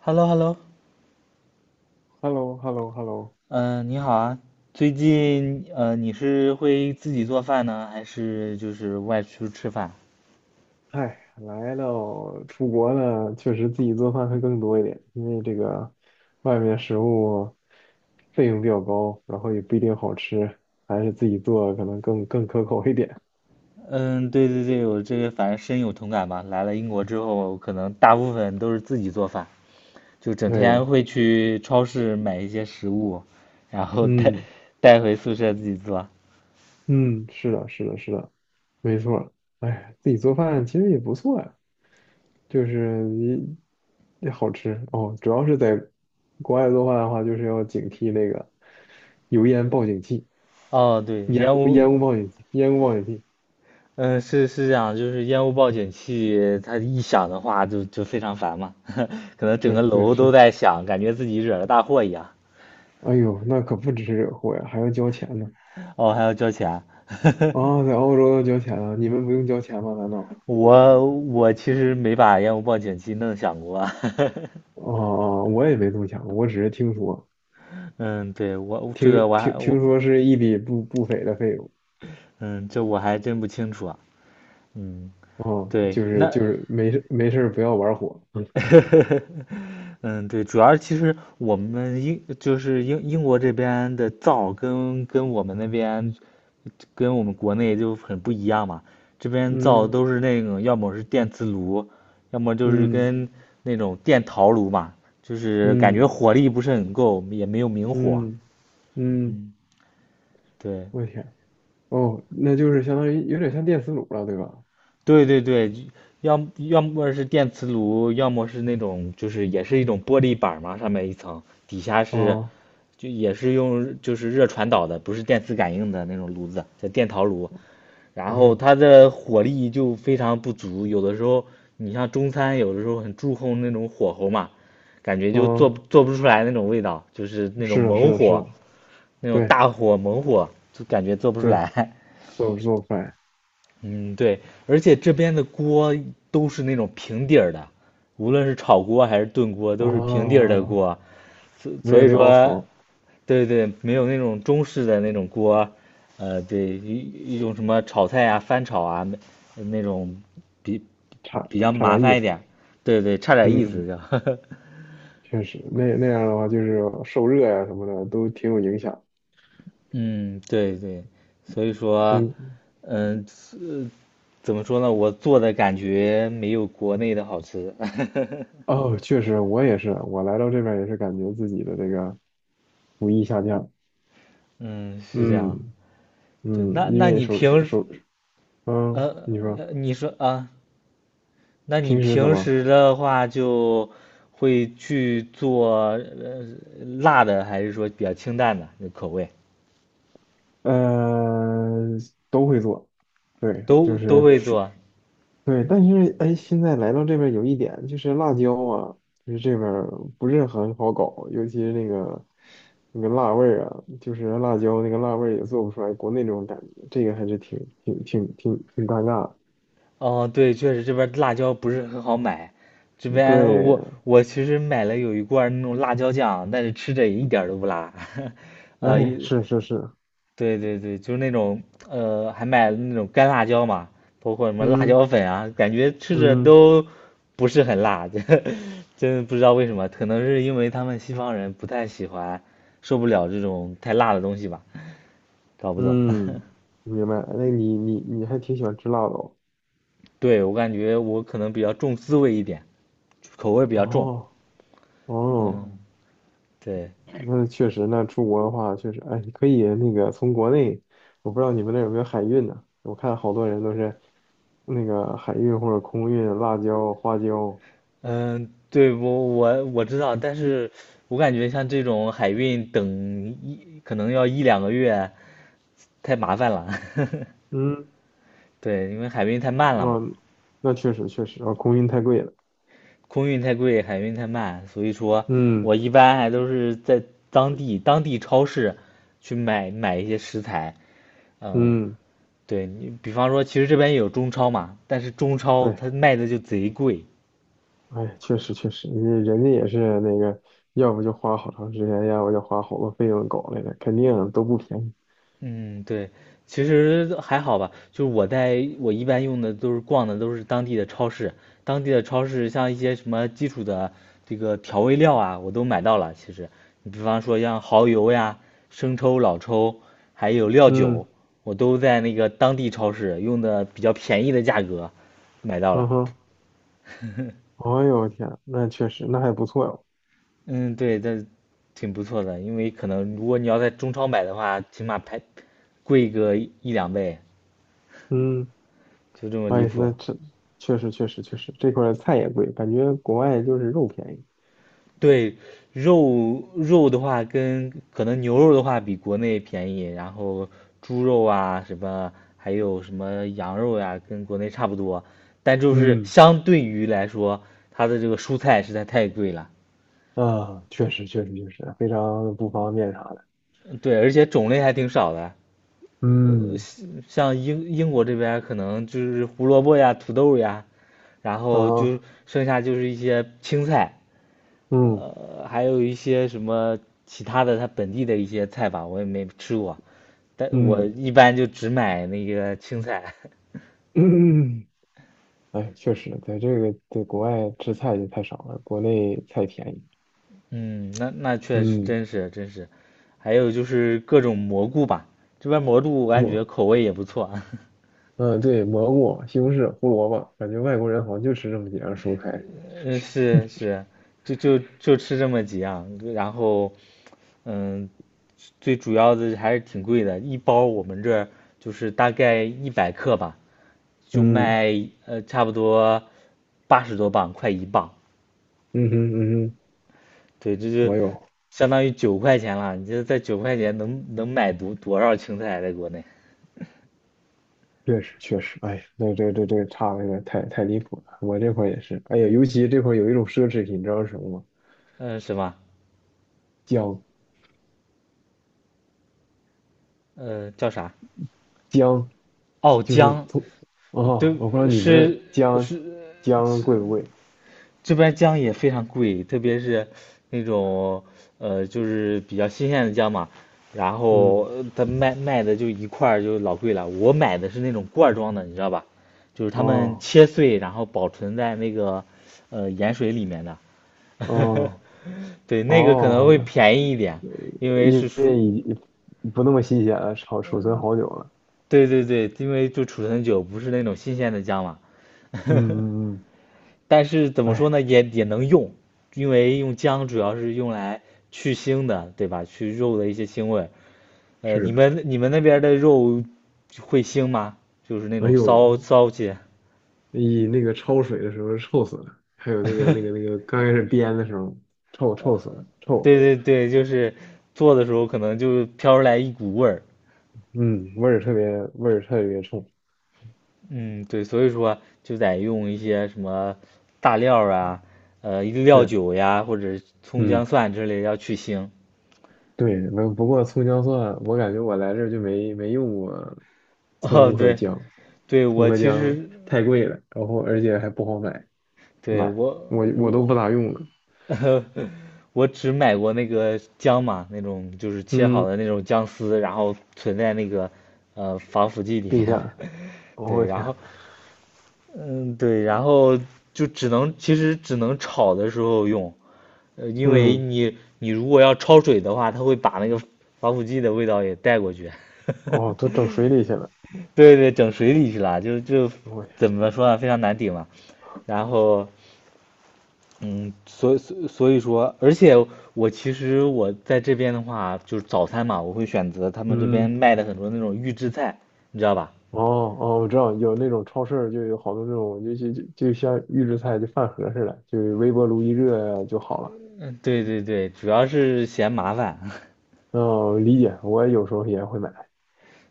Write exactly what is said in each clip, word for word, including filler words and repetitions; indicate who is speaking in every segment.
Speaker 1: h e l l o hello
Speaker 2: h e l l o h e l l o h e l l o
Speaker 1: 嗯，你好啊。最近呃，你是会自己做饭呢，还是就是外出吃饭？
Speaker 2: 哎，来到出国呢，确实自己做饭会更多一点，因为这个外面食物费用比较高，然后也不一定好吃，还是自己做可能更更可口一点。
Speaker 1: 嗯，对对对，我这个反正深有同感吧。来了英国之后，可能大部分都是自己做饭，就整天
Speaker 2: 对，
Speaker 1: 会去超市买一些食物，然后带
Speaker 2: 嗯
Speaker 1: 带回宿舍自己做。
Speaker 2: 嗯，是的，是的，是的，没错儿。哎，自己做饭其实也不错呀，就是你也好吃哦。主要是在国外做饭的话，就是要警惕那个油烟报警器。
Speaker 1: 哦，对，
Speaker 2: 烟
Speaker 1: 烟
Speaker 2: 雾
Speaker 1: 雾，
Speaker 2: 烟雾报警器，烟雾报警器，
Speaker 1: 嗯，是是这样，就是烟雾报警器，它一响的话就就非常烦嘛，可能整
Speaker 2: 对
Speaker 1: 个
Speaker 2: 对
Speaker 1: 楼都
Speaker 2: 是，
Speaker 1: 在响，感觉自己惹了大祸一样。
Speaker 2: 哎呦，那可不只是惹祸呀，还要交钱呢。
Speaker 1: 哦，还要交钱啊。
Speaker 2: 啊，在澳洲要交钱啊？你们不用交钱吗？难道？
Speaker 1: 我我其实没把烟雾报警器弄响过啊，
Speaker 2: 哦哦、我也没这么想过我只是听说，
Speaker 1: 嗯，对我这个
Speaker 2: 听
Speaker 1: 我还
Speaker 2: 听
Speaker 1: 我
Speaker 2: 听说是一笔不不菲的费用。
Speaker 1: 嗯，这我还真不清楚啊。嗯，
Speaker 2: 哦，就
Speaker 1: 对，
Speaker 2: 是
Speaker 1: 那
Speaker 2: 就是没事没事儿不要玩火。
Speaker 1: 嗯，对，主要其实我们英就是英英国这边的灶跟跟我们那边跟我们国内就很不一样嘛。这边造
Speaker 2: 嗯
Speaker 1: 都是那种，要么是电磁炉，要么就是
Speaker 2: 嗯
Speaker 1: 跟那种电陶炉嘛，就是感觉
Speaker 2: 嗯
Speaker 1: 火力不是很够，也没有明火。
Speaker 2: 嗯嗯，
Speaker 1: 嗯，对，
Speaker 2: 我天，哦，那就是相当于有点像电磁炉了，对吧？
Speaker 1: 对对对，要要么是电磁炉，要么是那种就是也是一种玻璃板嘛，上面一层，底下是
Speaker 2: 啊，
Speaker 1: 就也是用就是热传导的，不是电磁感应的那种炉子，叫电陶炉。然
Speaker 2: 哎
Speaker 1: 后
Speaker 2: 呦，
Speaker 1: 它的火力就非常不足，有的时候你像中餐，有的时候很注重那种火候嘛，感觉就做
Speaker 2: 啊，
Speaker 1: 不做不出来那种味道，就是那种
Speaker 2: 是的，是
Speaker 1: 猛
Speaker 2: 的，是
Speaker 1: 火，
Speaker 2: 的，
Speaker 1: 那种
Speaker 2: 对
Speaker 1: 大火猛火，就感觉做不出
Speaker 2: 对。
Speaker 1: 来。
Speaker 2: 做做饭
Speaker 1: 嗯，对，而且这边的锅都是那种平底儿的，无论是炒锅还是炖锅，都是平底儿
Speaker 2: 啊，
Speaker 1: 的锅，所
Speaker 2: 没
Speaker 1: 所
Speaker 2: 有
Speaker 1: 以
Speaker 2: 那凹槽
Speaker 1: 说
Speaker 2: 儿
Speaker 1: 对对，没有那种中式的那种锅。呃，对，一一种什么炒菜啊、翻炒啊，那那种比
Speaker 2: 差
Speaker 1: 比较
Speaker 2: 差
Speaker 1: 麻
Speaker 2: 点意
Speaker 1: 烦一
Speaker 2: 思。
Speaker 1: 点。对对，差点意思
Speaker 2: 嗯，
Speaker 1: 就，
Speaker 2: 确实，那那样的话就是受热呀、什么的都挺有影响。
Speaker 1: 嗯，对对，所以说，
Speaker 2: 嗯，
Speaker 1: 嗯，怎么说呢？我做的感觉没有国内的好吃。
Speaker 2: 哦，确实，我也是，我来到这边也是感觉自己的这个厨艺下降。
Speaker 1: 嗯，是这样。
Speaker 2: 嗯
Speaker 1: 对，
Speaker 2: 嗯，
Speaker 1: 那
Speaker 2: 因
Speaker 1: 那
Speaker 2: 为
Speaker 1: 你
Speaker 2: 手手
Speaker 1: 平时，
Speaker 2: 手，嗯，
Speaker 1: 呃，
Speaker 2: 你说
Speaker 1: 呃你说啊，那你
Speaker 2: 平时怎
Speaker 1: 平
Speaker 2: 么？
Speaker 1: 时的话就会去做呃辣的，还是说比较清淡的那口味？
Speaker 2: 呃，都会做，对，
Speaker 1: 都
Speaker 2: 就
Speaker 1: 都
Speaker 2: 是
Speaker 1: 会做。
Speaker 2: 对，但是哎，现在来到这边有一点就是辣椒啊，就是这边儿不是很好搞，尤其是那个那个辣味儿啊，就是辣椒那个辣味儿也做不出来国内那种感觉，这个还是挺挺挺挺挺尴尬
Speaker 1: 哦，对，确实这边辣椒不是很好买。这
Speaker 2: 的
Speaker 1: 边
Speaker 2: 对，
Speaker 1: 我我其实买了有一罐那种辣椒酱，但是吃着也一点儿都不辣。呃，
Speaker 2: 哎，是是是，
Speaker 1: 对对对，就是那种呃，还买了那种干辣椒嘛，包括什么辣
Speaker 2: 嗯
Speaker 1: 椒粉啊，感觉吃着
Speaker 2: 嗯
Speaker 1: 都不是很辣，这真的不知道为什么，可能是因为他们西方人不太喜欢，受不了这种太辣的东西吧，搞不懂。
Speaker 2: 嗯，明白。那你你你还挺喜欢吃辣的
Speaker 1: 对，我感觉我可能比较重滋味一点，口味比较重。
Speaker 2: 哦哦哦。
Speaker 1: 嗯，对，
Speaker 2: 那确实，那出国的话，确实，哎，可以那个从国内，我不知道你们那儿有没有海运呢？我看好多人都是那个海运或者空运辣椒、花椒，
Speaker 1: 嗯，对，我我我知道，但是我感觉像这种海运等一可能要一两个月，太麻烦了。
Speaker 2: 嗯，
Speaker 1: 对，因为海运太慢了嘛，
Speaker 2: 哦，那确实确实，啊，空运太贵了，
Speaker 1: 空运太贵，海运太慢，所以说我
Speaker 2: 嗯
Speaker 1: 一般还都是在当地当地超市去买买一些食材。嗯，
Speaker 2: 嗯，
Speaker 1: 对你，比方说，其实这边也有中超嘛，但是中超
Speaker 2: 对，
Speaker 1: 它卖的就贼贵。
Speaker 2: 哎，确实确实，人人家也是那个，要不就花好长时间，要不就花好多费用搞来的，肯定都不便宜，
Speaker 1: 嗯，对，其实还好吧。就是我在我一般用的都是逛的都是当地的超市，当地的超市像一些什么基础的这个调味料啊，我都买到了。其实，你比方说像蚝油呀、生抽、老抽，还有料酒，
Speaker 2: 嗯
Speaker 1: 我都在那个当地超市用的比较便宜的价格买到了。
Speaker 2: 嗯哼，哎呦我天，那确实，那还不错哟，
Speaker 1: 嗯，对，这挺不错的，因为可能如果你要在中超买的话，起码排贵个一两倍，
Speaker 2: 嗯。
Speaker 1: 就这么离
Speaker 2: 哎，
Speaker 1: 谱。
Speaker 2: 那这确实确实确实，这块儿菜也贵，感觉国外就是肉便宜。
Speaker 1: 对，肉肉的话跟可能牛肉的话比国内便宜，然后猪肉啊什么，还有什么羊肉呀、跟国内差不多，但就是
Speaker 2: 嗯
Speaker 1: 相对于来说，它的这个蔬菜实在太贵了。
Speaker 2: 啊，确实确实确实，非常不方便啥的。
Speaker 1: 嗯，对，而且种类还挺少的，
Speaker 2: 嗯
Speaker 1: 像英英国这边儿可能就是胡萝卜呀、土豆呀，然后
Speaker 2: 啊，
Speaker 1: 就剩下就是一些青菜，
Speaker 2: 嗯
Speaker 1: 呃，还有一些什么其他的，它本地的一些菜吧，我也没吃过，但我
Speaker 2: 嗯
Speaker 1: 一般就只买那个青菜。
Speaker 2: 嗯，哎，确实，在这个在国外吃菜就太少了，国内菜便宜。
Speaker 1: 嗯，那那确实
Speaker 2: 嗯，
Speaker 1: 真是真是，还有就是各种蘑菇吧，这边蘑菇我感
Speaker 2: 蘑，
Speaker 1: 觉口味也不错。
Speaker 2: 嗯，对，蘑菇、西红柿、胡萝卜，感觉外国人好像就吃这么几样蔬菜。
Speaker 1: 嗯，是是，就就就吃这么几样，然后嗯，最主要的还是挺贵的，一包我们这儿就是大概一百克吧，就
Speaker 2: 嗯
Speaker 1: 卖呃差不多八十多磅，快一磅。
Speaker 2: 嗯哼嗯哼，
Speaker 1: 对，这就
Speaker 2: 我有。
Speaker 1: 相当于九块钱了。你这在九块钱能能买多多少青菜啊？在国内，
Speaker 2: 确实确实，哎呀，那这这这差的有点太太离谱了。我这块儿也是，哎呀，尤其这块儿有一种奢侈品，你知道是什么吗？
Speaker 1: 嗯、什么，
Speaker 2: 姜
Speaker 1: 嗯，叫啥？
Speaker 2: 姜，
Speaker 1: 哦，
Speaker 2: 就是
Speaker 1: 姜，
Speaker 2: 从啊、
Speaker 1: 对，
Speaker 2: 我不知道你们这儿
Speaker 1: 是
Speaker 2: 姜
Speaker 1: 是
Speaker 2: 姜
Speaker 1: 这
Speaker 2: 贵不贵？
Speaker 1: 这边姜也非常贵，特别是那种呃，就是比较新鲜的姜嘛。然后
Speaker 2: 嗯，
Speaker 1: 呃它卖卖的就一块儿就老贵了。我买的是那种罐儿装的，你知道吧？就是他们
Speaker 2: 哦
Speaker 1: 切碎，然后保存在那个呃盐水里面的。
Speaker 2: 哦
Speaker 1: 对，那个可能
Speaker 2: 哦，
Speaker 1: 会
Speaker 2: 那
Speaker 1: 便宜一点，因为
Speaker 2: 因
Speaker 1: 是储，
Speaker 2: 为不那么新鲜了，储储存好久了。
Speaker 1: 对对对，因为就储存久，不是那种新鲜的姜嘛。
Speaker 2: 嗯 嗯嗯，
Speaker 1: 但是怎么说
Speaker 2: 哎，
Speaker 1: 呢，也也能用，因为用姜主要是用来去腥的，对吧？去肉的一些腥味。呃，
Speaker 2: 是
Speaker 1: 你
Speaker 2: 的，
Speaker 1: 们你们那边的肉会腥吗？就是那
Speaker 2: 哎
Speaker 1: 种
Speaker 2: 呦，
Speaker 1: 骚骚气。
Speaker 2: 你那个焯水的时候臭死了，还有那个那个那个 刚开始煸的时候臭臭死了，臭。
Speaker 1: 对对对，就是做的时候可能就飘出来一股味儿。
Speaker 2: 嗯，味儿特别味儿特别冲，
Speaker 1: 嗯，对，所以说就得用一些什么大料儿啊，呃，料
Speaker 2: 是，
Speaker 1: 酒呀，或者葱姜
Speaker 2: 嗯，
Speaker 1: 蒜之类要去腥。
Speaker 2: 对，不不过葱姜蒜，我感觉我来这儿就没没用过
Speaker 1: 哦，
Speaker 2: 葱和
Speaker 1: 对，
Speaker 2: 姜，
Speaker 1: 对，
Speaker 2: 葱
Speaker 1: 我
Speaker 2: 和
Speaker 1: 其
Speaker 2: 姜
Speaker 1: 实
Speaker 2: 太贵了，然后而且还不好买，
Speaker 1: 对
Speaker 2: 买
Speaker 1: 我
Speaker 2: 我我都
Speaker 1: 我
Speaker 2: 不咋用了，
Speaker 1: 我只买过那个姜嘛，那种就是切好
Speaker 2: 嗯，
Speaker 1: 的那种姜丝，然后存在那个呃防腐剂里
Speaker 2: 冰
Speaker 1: 面的。
Speaker 2: 箱，
Speaker 1: 对，
Speaker 2: 我
Speaker 1: 然后
Speaker 2: 天，
Speaker 1: 嗯，对，然后就只能其实只能炒的时候用，呃，因为
Speaker 2: 嗯，
Speaker 1: 你你如果要焯水的话，它会把那个防腐剂的味道也带过去。
Speaker 2: 哦，都整水里去了，
Speaker 1: 对对，整水里去了，就就
Speaker 2: 我天，
Speaker 1: 怎么说呢，非常难顶嘛。然后，嗯，所以所所以说，而且我其实我在这边的话，就是早餐嘛，我会选择他们这边
Speaker 2: 嗯，
Speaker 1: 卖的很多那种预制菜，你知道吧？
Speaker 2: 哦哦，我知道有那种超市就有好多那种就就就就像预制菜就饭盒似的，就微波炉一热就好了。
Speaker 1: 嗯，对对对，主要是嫌麻烦。
Speaker 2: 哦，理解，我有时候也会买。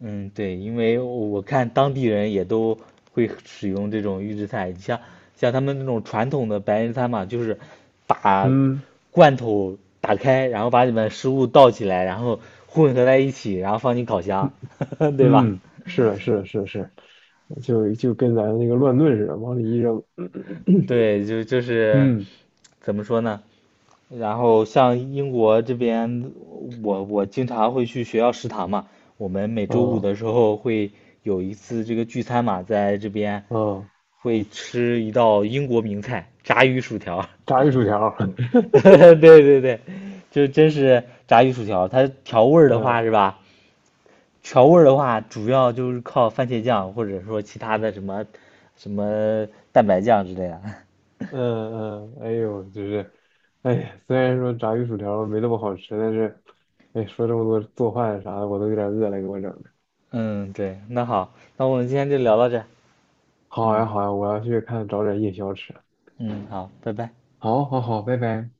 Speaker 1: 嗯，对，因为我看当地人也都会使用这种预制菜，你像像他们那种传统的白人餐嘛，就是把
Speaker 2: 嗯
Speaker 1: 罐头打开，然后把里面食物倒起来，然后混合在一起，然后放进烤箱，
Speaker 2: 嗯
Speaker 1: 对吧？
Speaker 2: 嗯，是的是的是的是的就就跟咱那个乱炖似的，往里一扔。
Speaker 1: 对，就就 是
Speaker 2: 嗯，
Speaker 1: 怎么说呢？然后像英国这边，我我经常会去学校食堂嘛，我们每周五
Speaker 2: 哦
Speaker 1: 的时候会有一次这个聚餐嘛，在这边
Speaker 2: 哦，
Speaker 1: 会吃一道英国名菜——炸鱼薯条。
Speaker 2: 炸鱼薯条儿
Speaker 1: 对对对，就真是炸鱼薯条。它调味儿的话
Speaker 2: 嗯
Speaker 1: 是吧？调味儿的话，主要就是靠番茄酱，或者说其他的什么什么蛋白酱之类的。
Speaker 2: 嗯嗯，哎呦，就是，哎呀虽然说炸鱼薯条没那么好吃，但是，哎，说这么多做饭啥的，我都有点饿了，给我整的。
Speaker 1: 嗯，对，那好，那我们今天就聊到这儿。
Speaker 2: 好呀
Speaker 1: 嗯
Speaker 2: 好呀，我要去看找点夜宵吃。
Speaker 1: 嗯，好，拜拜。
Speaker 2: 好，好，好，拜拜。